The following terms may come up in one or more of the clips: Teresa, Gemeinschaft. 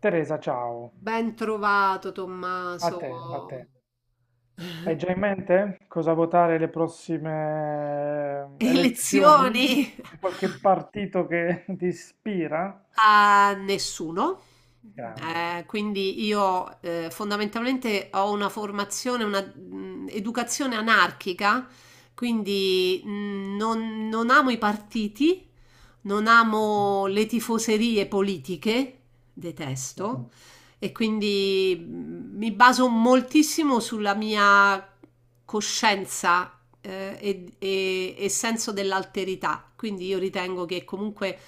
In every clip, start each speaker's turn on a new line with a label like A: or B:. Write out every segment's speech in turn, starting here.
A: Teresa, ciao.
B: Ben trovato
A: A
B: Tommaso.
A: te, a te. Hai già in mente cosa votare le prossime elezioni?
B: Elezioni?
A: C'è qualche partito che ti ispira?
B: A nessuno.
A: Grande,
B: Quindi io fondamentalmente ho una formazione, una educazione anarchica, quindi non amo i partiti, non
A: sì,
B: amo le tifoserie politiche,
A: sì.
B: detesto, e quindi mi baso moltissimo sulla mia coscienza e senso dell'alterità. Quindi io ritengo che comunque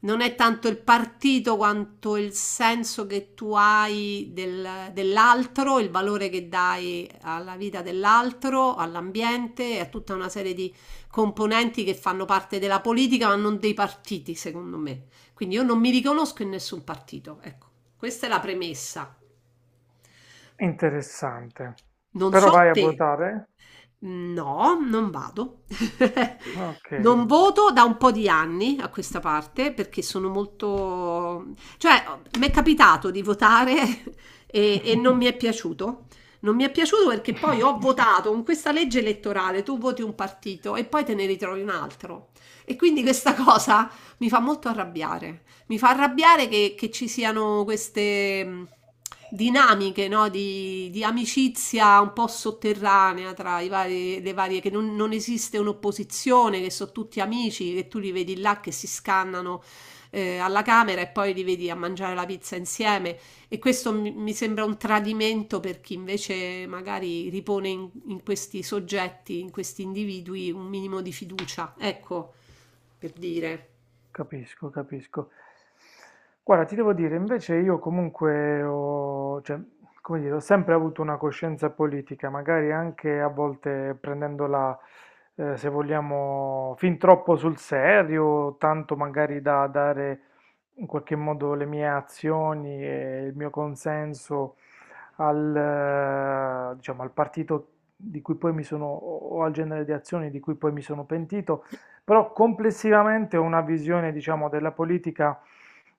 B: non è tanto il partito quanto il senso che tu hai dell'altro, il valore che dai alla vita dell'altro, all'ambiente e a tutta una serie di componenti che fanno parte della politica, ma non dei partiti, secondo me. Quindi io non mi riconosco in nessun partito. Ecco, questa è la premessa.
A: Interessante.
B: Non
A: Però
B: so
A: vai a
B: te.
A: votare?
B: No, non vado.
A: Ok.
B: Non voto da un po' di anni a questa parte perché sono molto, cioè, mi è capitato di votare e non mi è piaciuto. Non mi è piaciuto perché poi ho votato con questa legge elettorale, tu voti un partito e poi te ne ritrovi un altro. E quindi questa cosa mi fa molto arrabbiare. Mi fa arrabbiare che ci siano queste dinamiche, no, di amicizia un po' sotterranea tra i vari, le varie, che non esiste un'opposizione, che sono tutti amici, che tu li vedi là che si scannano alla camera e poi li vedi a mangiare la pizza insieme. E questo mi sembra un tradimento per chi invece magari ripone in questi soggetti, in questi individui, un minimo di fiducia. Ecco, per dire.
A: Capisco, capisco. Guarda, ti devo dire, invece io comunque ho, cioè, come dire, ho sempre avuto una coscienza politica, magari anche a volte prendendola, se vogliamo, fin troppo sul serio, tanto magari da dare in qualche modo le mie azioni e il mio consenso al, diciamo, al partito di cui poi mi sono, o al genere di azioni di cui poi mi sono pentito. Però complessivamente ho una visione, diciamo, della politica,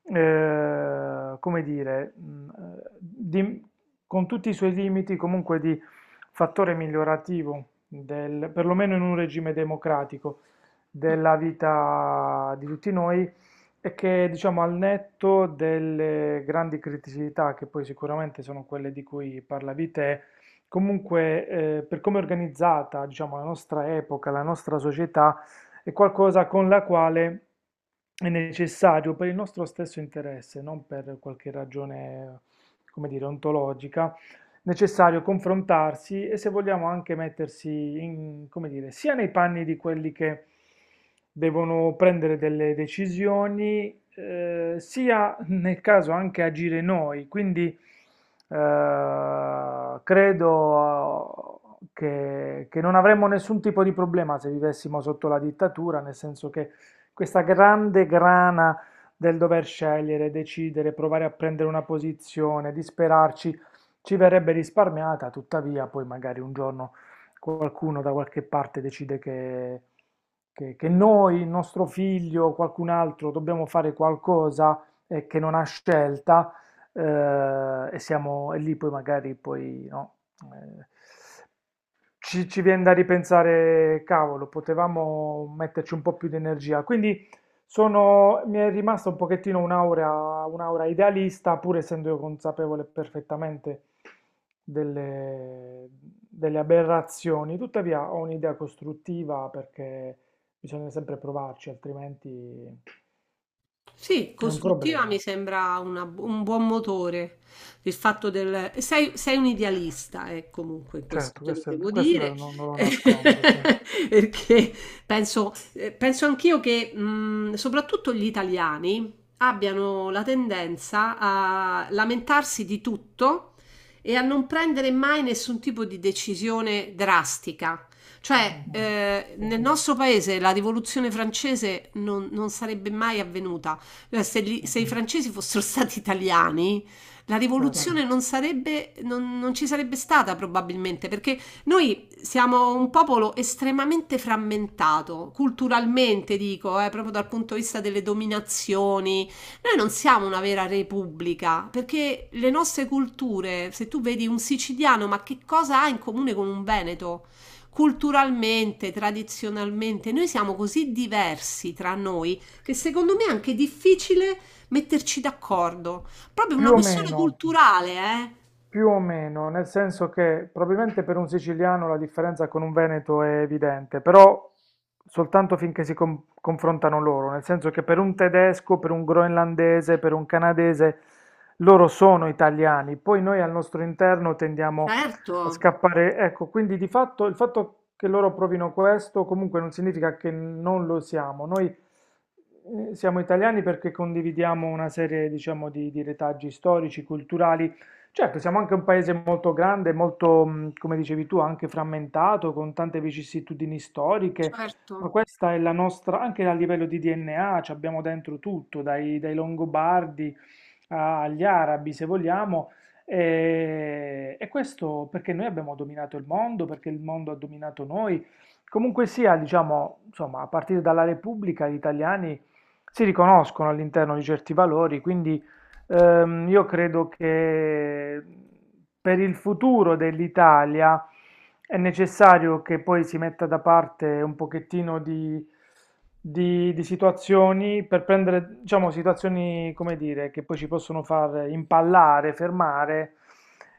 A: eh, come dire, mh, eh, di- con tutti i suoi limiti, comunque di fattore migliorativo, del, perlomeno in un regime democratico,
B: Mm.
A: della vita di tutti noi e che, diciamo, al netto delle grandi criticità, che poi sicuramente sono quelle di cui parlavi te, comunque per come è organizzata, diciamo, la nostra epoca, la nostra società, è qualcosa con la quale è necessario per il nostro stesso interesse, non per qualche ragione, come dire, ontologica, necessario confrontarsi e se vogliamo anche mettersi in, come dire, sia nei panni di quelli che devono prendere delle decisioni, sia nel caso anche agire noi. Quindi credo che non avremmo nessun tipo di problema se vivessimo sotto la dittatura, nel senso che questa grande grana del dover scegliere, decidere, provare a prendere una posizione, disperarci, ci verrebbe risparmiata, tuttavia poi magari un giorno qualcuno da qualche parte decide che, che noi, il nostro figlio o qualcun altro dobbiamo fare qualcosa che non ha scelta e siamo e lì poi magari poi no, eh, ci, ci viene da ripensare, cavolo, potevamo metterci un po' più di energia. Quindi sono, mi è rimasta un pochettino un'aura, un'aura idealista, pur essendo io consapevole perfettamente delle, delle aberrazioni. Tuttavia ho un'idea costruttiva perché bisogna sempre provarci, altrimenti
B: Sì,
A: è un
B: costruttiva mi
A: problema.
B: sembra un buon motore. Sei un idealista, comunque, questo
A: Certo,
B: te lo
A: questo,
B: devo
A: questo
B: dire.
A: non, non lo nascondo, sì.
B: Perché penso anch'io che soprattutto gli italiani abbiano la tendenza a lamentarsi di tutto e a non prendere mai nessun tipo di decisione drastica. Cioè,
A: Mm, sì,
B: nel nostro paese la rivoluzione francese non sarebbe mai avvenuta eh, Se, gli-
A: sì,
B: se i francesi fossero stati italiani, la
A: certo.
B: rivoluzione non sarebbe, non ci sarebbe stata probabilmente, perché noi siamo un popolo estremamente frammentato, culturalmente dico, proprio dal punto di vista delle dominazioni. Noi non siamo una vera repubblica, perché le nostre culture, se tu vedi un siciliano, ma che cosa ha in comune con un veneto? Culturalmente, tradizionalmente, noi siamo così diversi tra noi che secondo me è anche difficile metterci d'accordo. Proprio una
A: Più o
B: questione
A: meno.
B: culturale, eh?
A: Più o meno, nel senso che probabilmente per un siciliano la differenza con un veneto è evidente, però soltanto finché si confrontano loro, nel senso che per un tedesco, per un groenlandese, per un canadese, loro sono italiani, poi noi al nostro interno tendiamo
B: Certo,
A: a scappare. Ecco, quindi di fatto il fatto che loro provino questo comunque non significa che non lo siamo. Noi siamo italiani perché condividiamo una serie, diciamo, di retaggi storici, culturali. Certo, siamo anche un paese molto grande, molto, come dicevi tu, anche frammentato, con tante vicissitudini storiche, ma
B: certo.
A: questa è la nostra, anche a livello di DNA, ci abbiamo dentro tutto, dai, dai Longobardi agli arabi, se vogliamo, e questo perché noi abbiamo dominato il mondo, perché il mondo ha dominato noi. Comunque sia, diciamo, insomma, a partire dalla Repubblica, gli italiani si riconoscono all'interno di certi valori, quindi io credo che per il futuro dell'Italia è necessario che poi si metta da parte un pochettino di, di situazioni per prendere, diciamo, situazioni, come dire, che poi ci possono far impallare, fermare,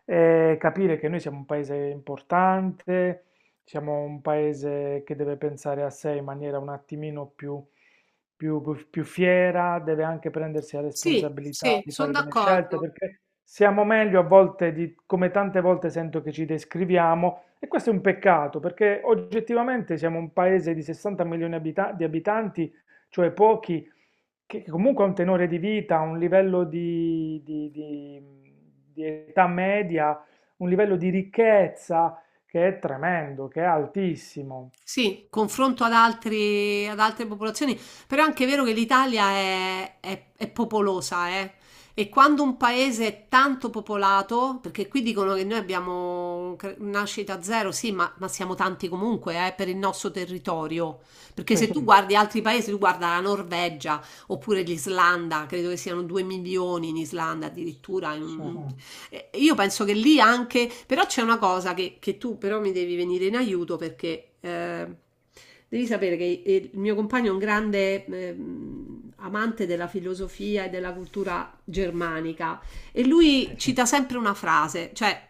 A: capire che noi siamo un paese importante, siamo un paese che deve pensare a sé in maniera un attimino più più, più fiera, deve anche prendersi la
B: Sì,
A: responsabilità
B: sì,
A: di
B: sono
A: fare delle scelte,
B: d'accordo.
A: perché siamo meglio a volte di come tante volte sento che ci descriviamo e questo è un peccato perché oggettivamente siamo un paese di 60 milioni di abitanti, cioè pochi, che comunque ha un tenore di vita, un livello di, di età media, un livello di ricchezza che è tremendo, che è altissimo.
B: Sì, confronto ad altre popolazioni, però è anche vero che l'Italia è popolosa, eh. E quando un paese è tanto popolato, perché qui dicono che noi abbiamo nascita zero, sì, ma siamo tanti comunque, per il nostro territorio. Perché
A: Sì,
B: se tu guardi altri paesi, tu guarda la Norvegia oppure l'Islanda, credo che siano 2 milioni in Islanda addirittura, in
A: sì,
B: un- eh, Io penso che lì anche, però c'è una cosa che tu però mi devi venire in aiuto perché devi sapere che il mio compagno è un grande amante della filosofia e della cultura germanica e lui
A: sì.
B: cita sempre una frase, cioè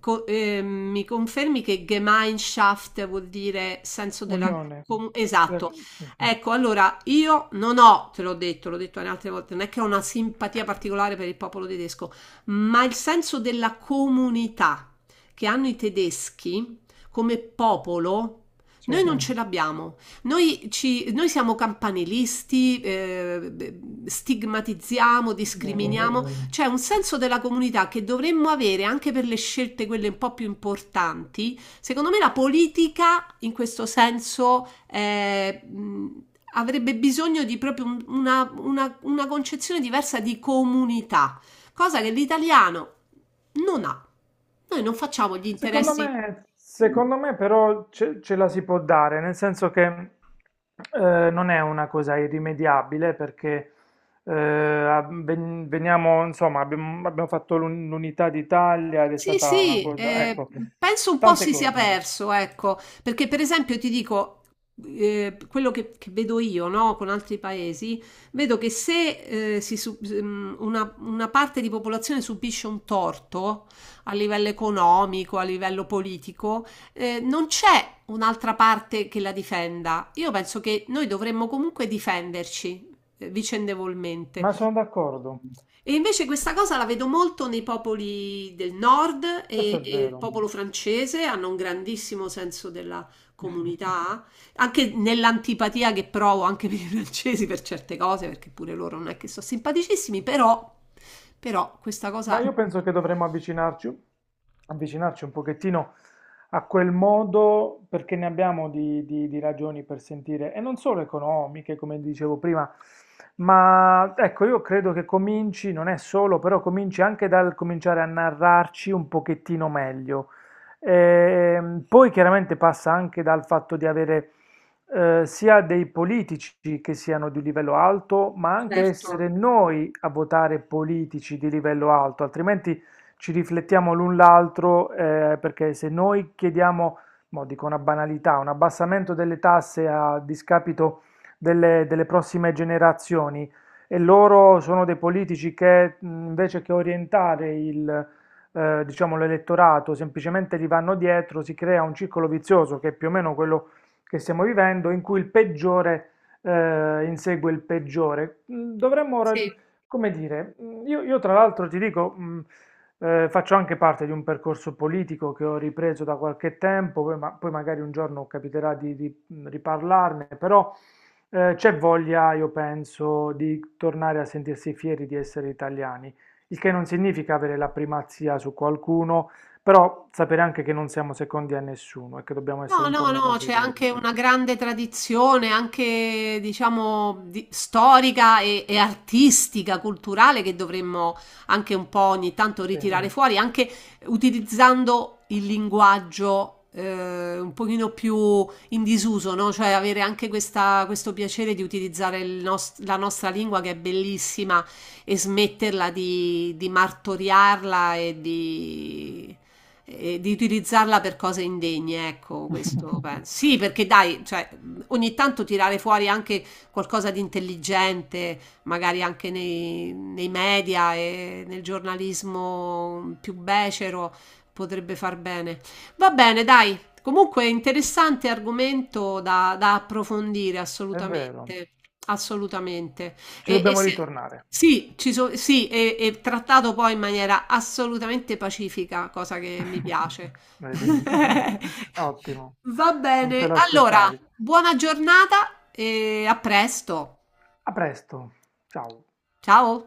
B: mi confermi che Gemeinschaft vuol dire senso della...
A: Unione.
B: com- esatto.
A: Sì,
B: Ecco, allora io non ho, te l'ho detto anche altre volte, non è che ho una simpatia particolare per il popolo tedesco, ma il senso della comunità che hanno i tedeschi come popolo,
A: sì, è
B: noi non ce l'abbiamo. Noi siamo campanilisti, beh, stigmatizziamo,
A: vero, è
B: discriminiamo. Mm.
A: vero.
B: C'è un senso della comunità che dovremmo avere anche per le scelte, quelle un po' più importanti. Secondo me la politica, in questo senso, avrebbe bisogno di proprio una concezione diversa di comunità, cosa che l'italiano non ha. Noi non facciamo gli interessi.
A: Secondo me però ce, ce la si può dare, nel senso che non è una cosa irrimediabile perché veniamo, insomma, abbiamo, abbiamo fatto l'unità d'Italia ed è
B: Sì,
A: stata una
B: sì,
A: cosa, ecco,
B: penso un po'
A: tante
B: si sia
A: cose,
B: perso, ecco, perché per esempio ti dico, quello che vedo io, no, con altri paesi, vedo che se una parte di popolazione subisce un torto a livello economico, a livello politico, non c'è un'altra parte che la difenda. Io penso che noi dovremmo comunque difenderci vicendevolmente.
A: ma sono d'accordo,
B: E invece questa cosa la vedo molto nei popoli del nord
A: questo
B: e,
A: è
B: e il
A: vero.
B: popolo francese hanno un grandissimo senso della comunità, anche nell'antipatia che provo anche per i francesi per certe cose, perché pure loro non è che sono simpaticissimi, però questa
A: Ma
B: cosa...
A: io penso che dovremmo avvicinarci, avvicinarci un pochettino a quel modo perché ne abbiamo di, di ragioni per sentire, e non solo economiche, come dicevo prima, ma ecco, io credo che cominci, non è solo, però cominci anche dal cominciare a narrarci un pochettino meglio. Poi chiaramente passa anche dal fatto di avere sia dei politici che siano di livello alto, ma anche
B: Certo,
A: essere noi a votare politici di livello alto, altrimenti ci riflettiamo l'un l'altro, perché se noi chiediamo, mo dico una banalità, un abbassamento delle tasse a discapito delle, delle prossime generazioni e loro sono dei politici che invece che orientare il diciamo l'elettorato, semplicemente gli vanno dietro, si crea un circolo vizioso che è più o meno quello che stiamo vivendo, in cui il peggiore insegue il peggiore. Dovremmo,
B: sì.
A: come dire, io tra l'altro ti dico, faccio anche parte di un percorso politico che ho ripreso da qualche tempo, poi, poi magari un giorno capiterà di, riparlarne, però c'è voglia, io penso, di tornare a sentirsi fieri di essere italiani, il che non significa avere la primazia su qualcuno, però sapere anche che non siamo secondi a nessuno e che dobbiamo
B: No,
A: essere un po'
B: no,
A: meno
B: no, c'è
A: severi.
B: anche una grande tradizione, anche diciamo storica e artistica, culturale, che dovremmo anche un po' ogni tanto
A: Sì,
B: ritirare fuori, anche utilizzando il linguaggio un pochino più in disuso, no? Cioè avere anche questo piacere di utilizzare la nostra lingua che è bellissima e smetterla di martoriarla e di utilizzarla per cose indegne, ecco, questo penso. Sì, perché dai, cioè, ogni tanto tirare fuori anche qualcosa di intelligente, magari anche nei media e nel giornalismo più becero, potrebbe far bene. Va bene, dai. Comunque interessante argomento da approfondire,
A: è vero,
B: assolutamente, assolutamente.
A: ci
B: E, e
A: dobbiamo
B: se-
A: ritornare.
B: sì, sì, e trattato poi in maniera assolutamente pacifica, cosa che mi piace.
A: Vedi? Ottimo,
B: Va
A: non te
B: bene, allora,
A: l'aspettavi.
B: buona giornata e a presto.
A: A presto, ciao.
B: Ciao.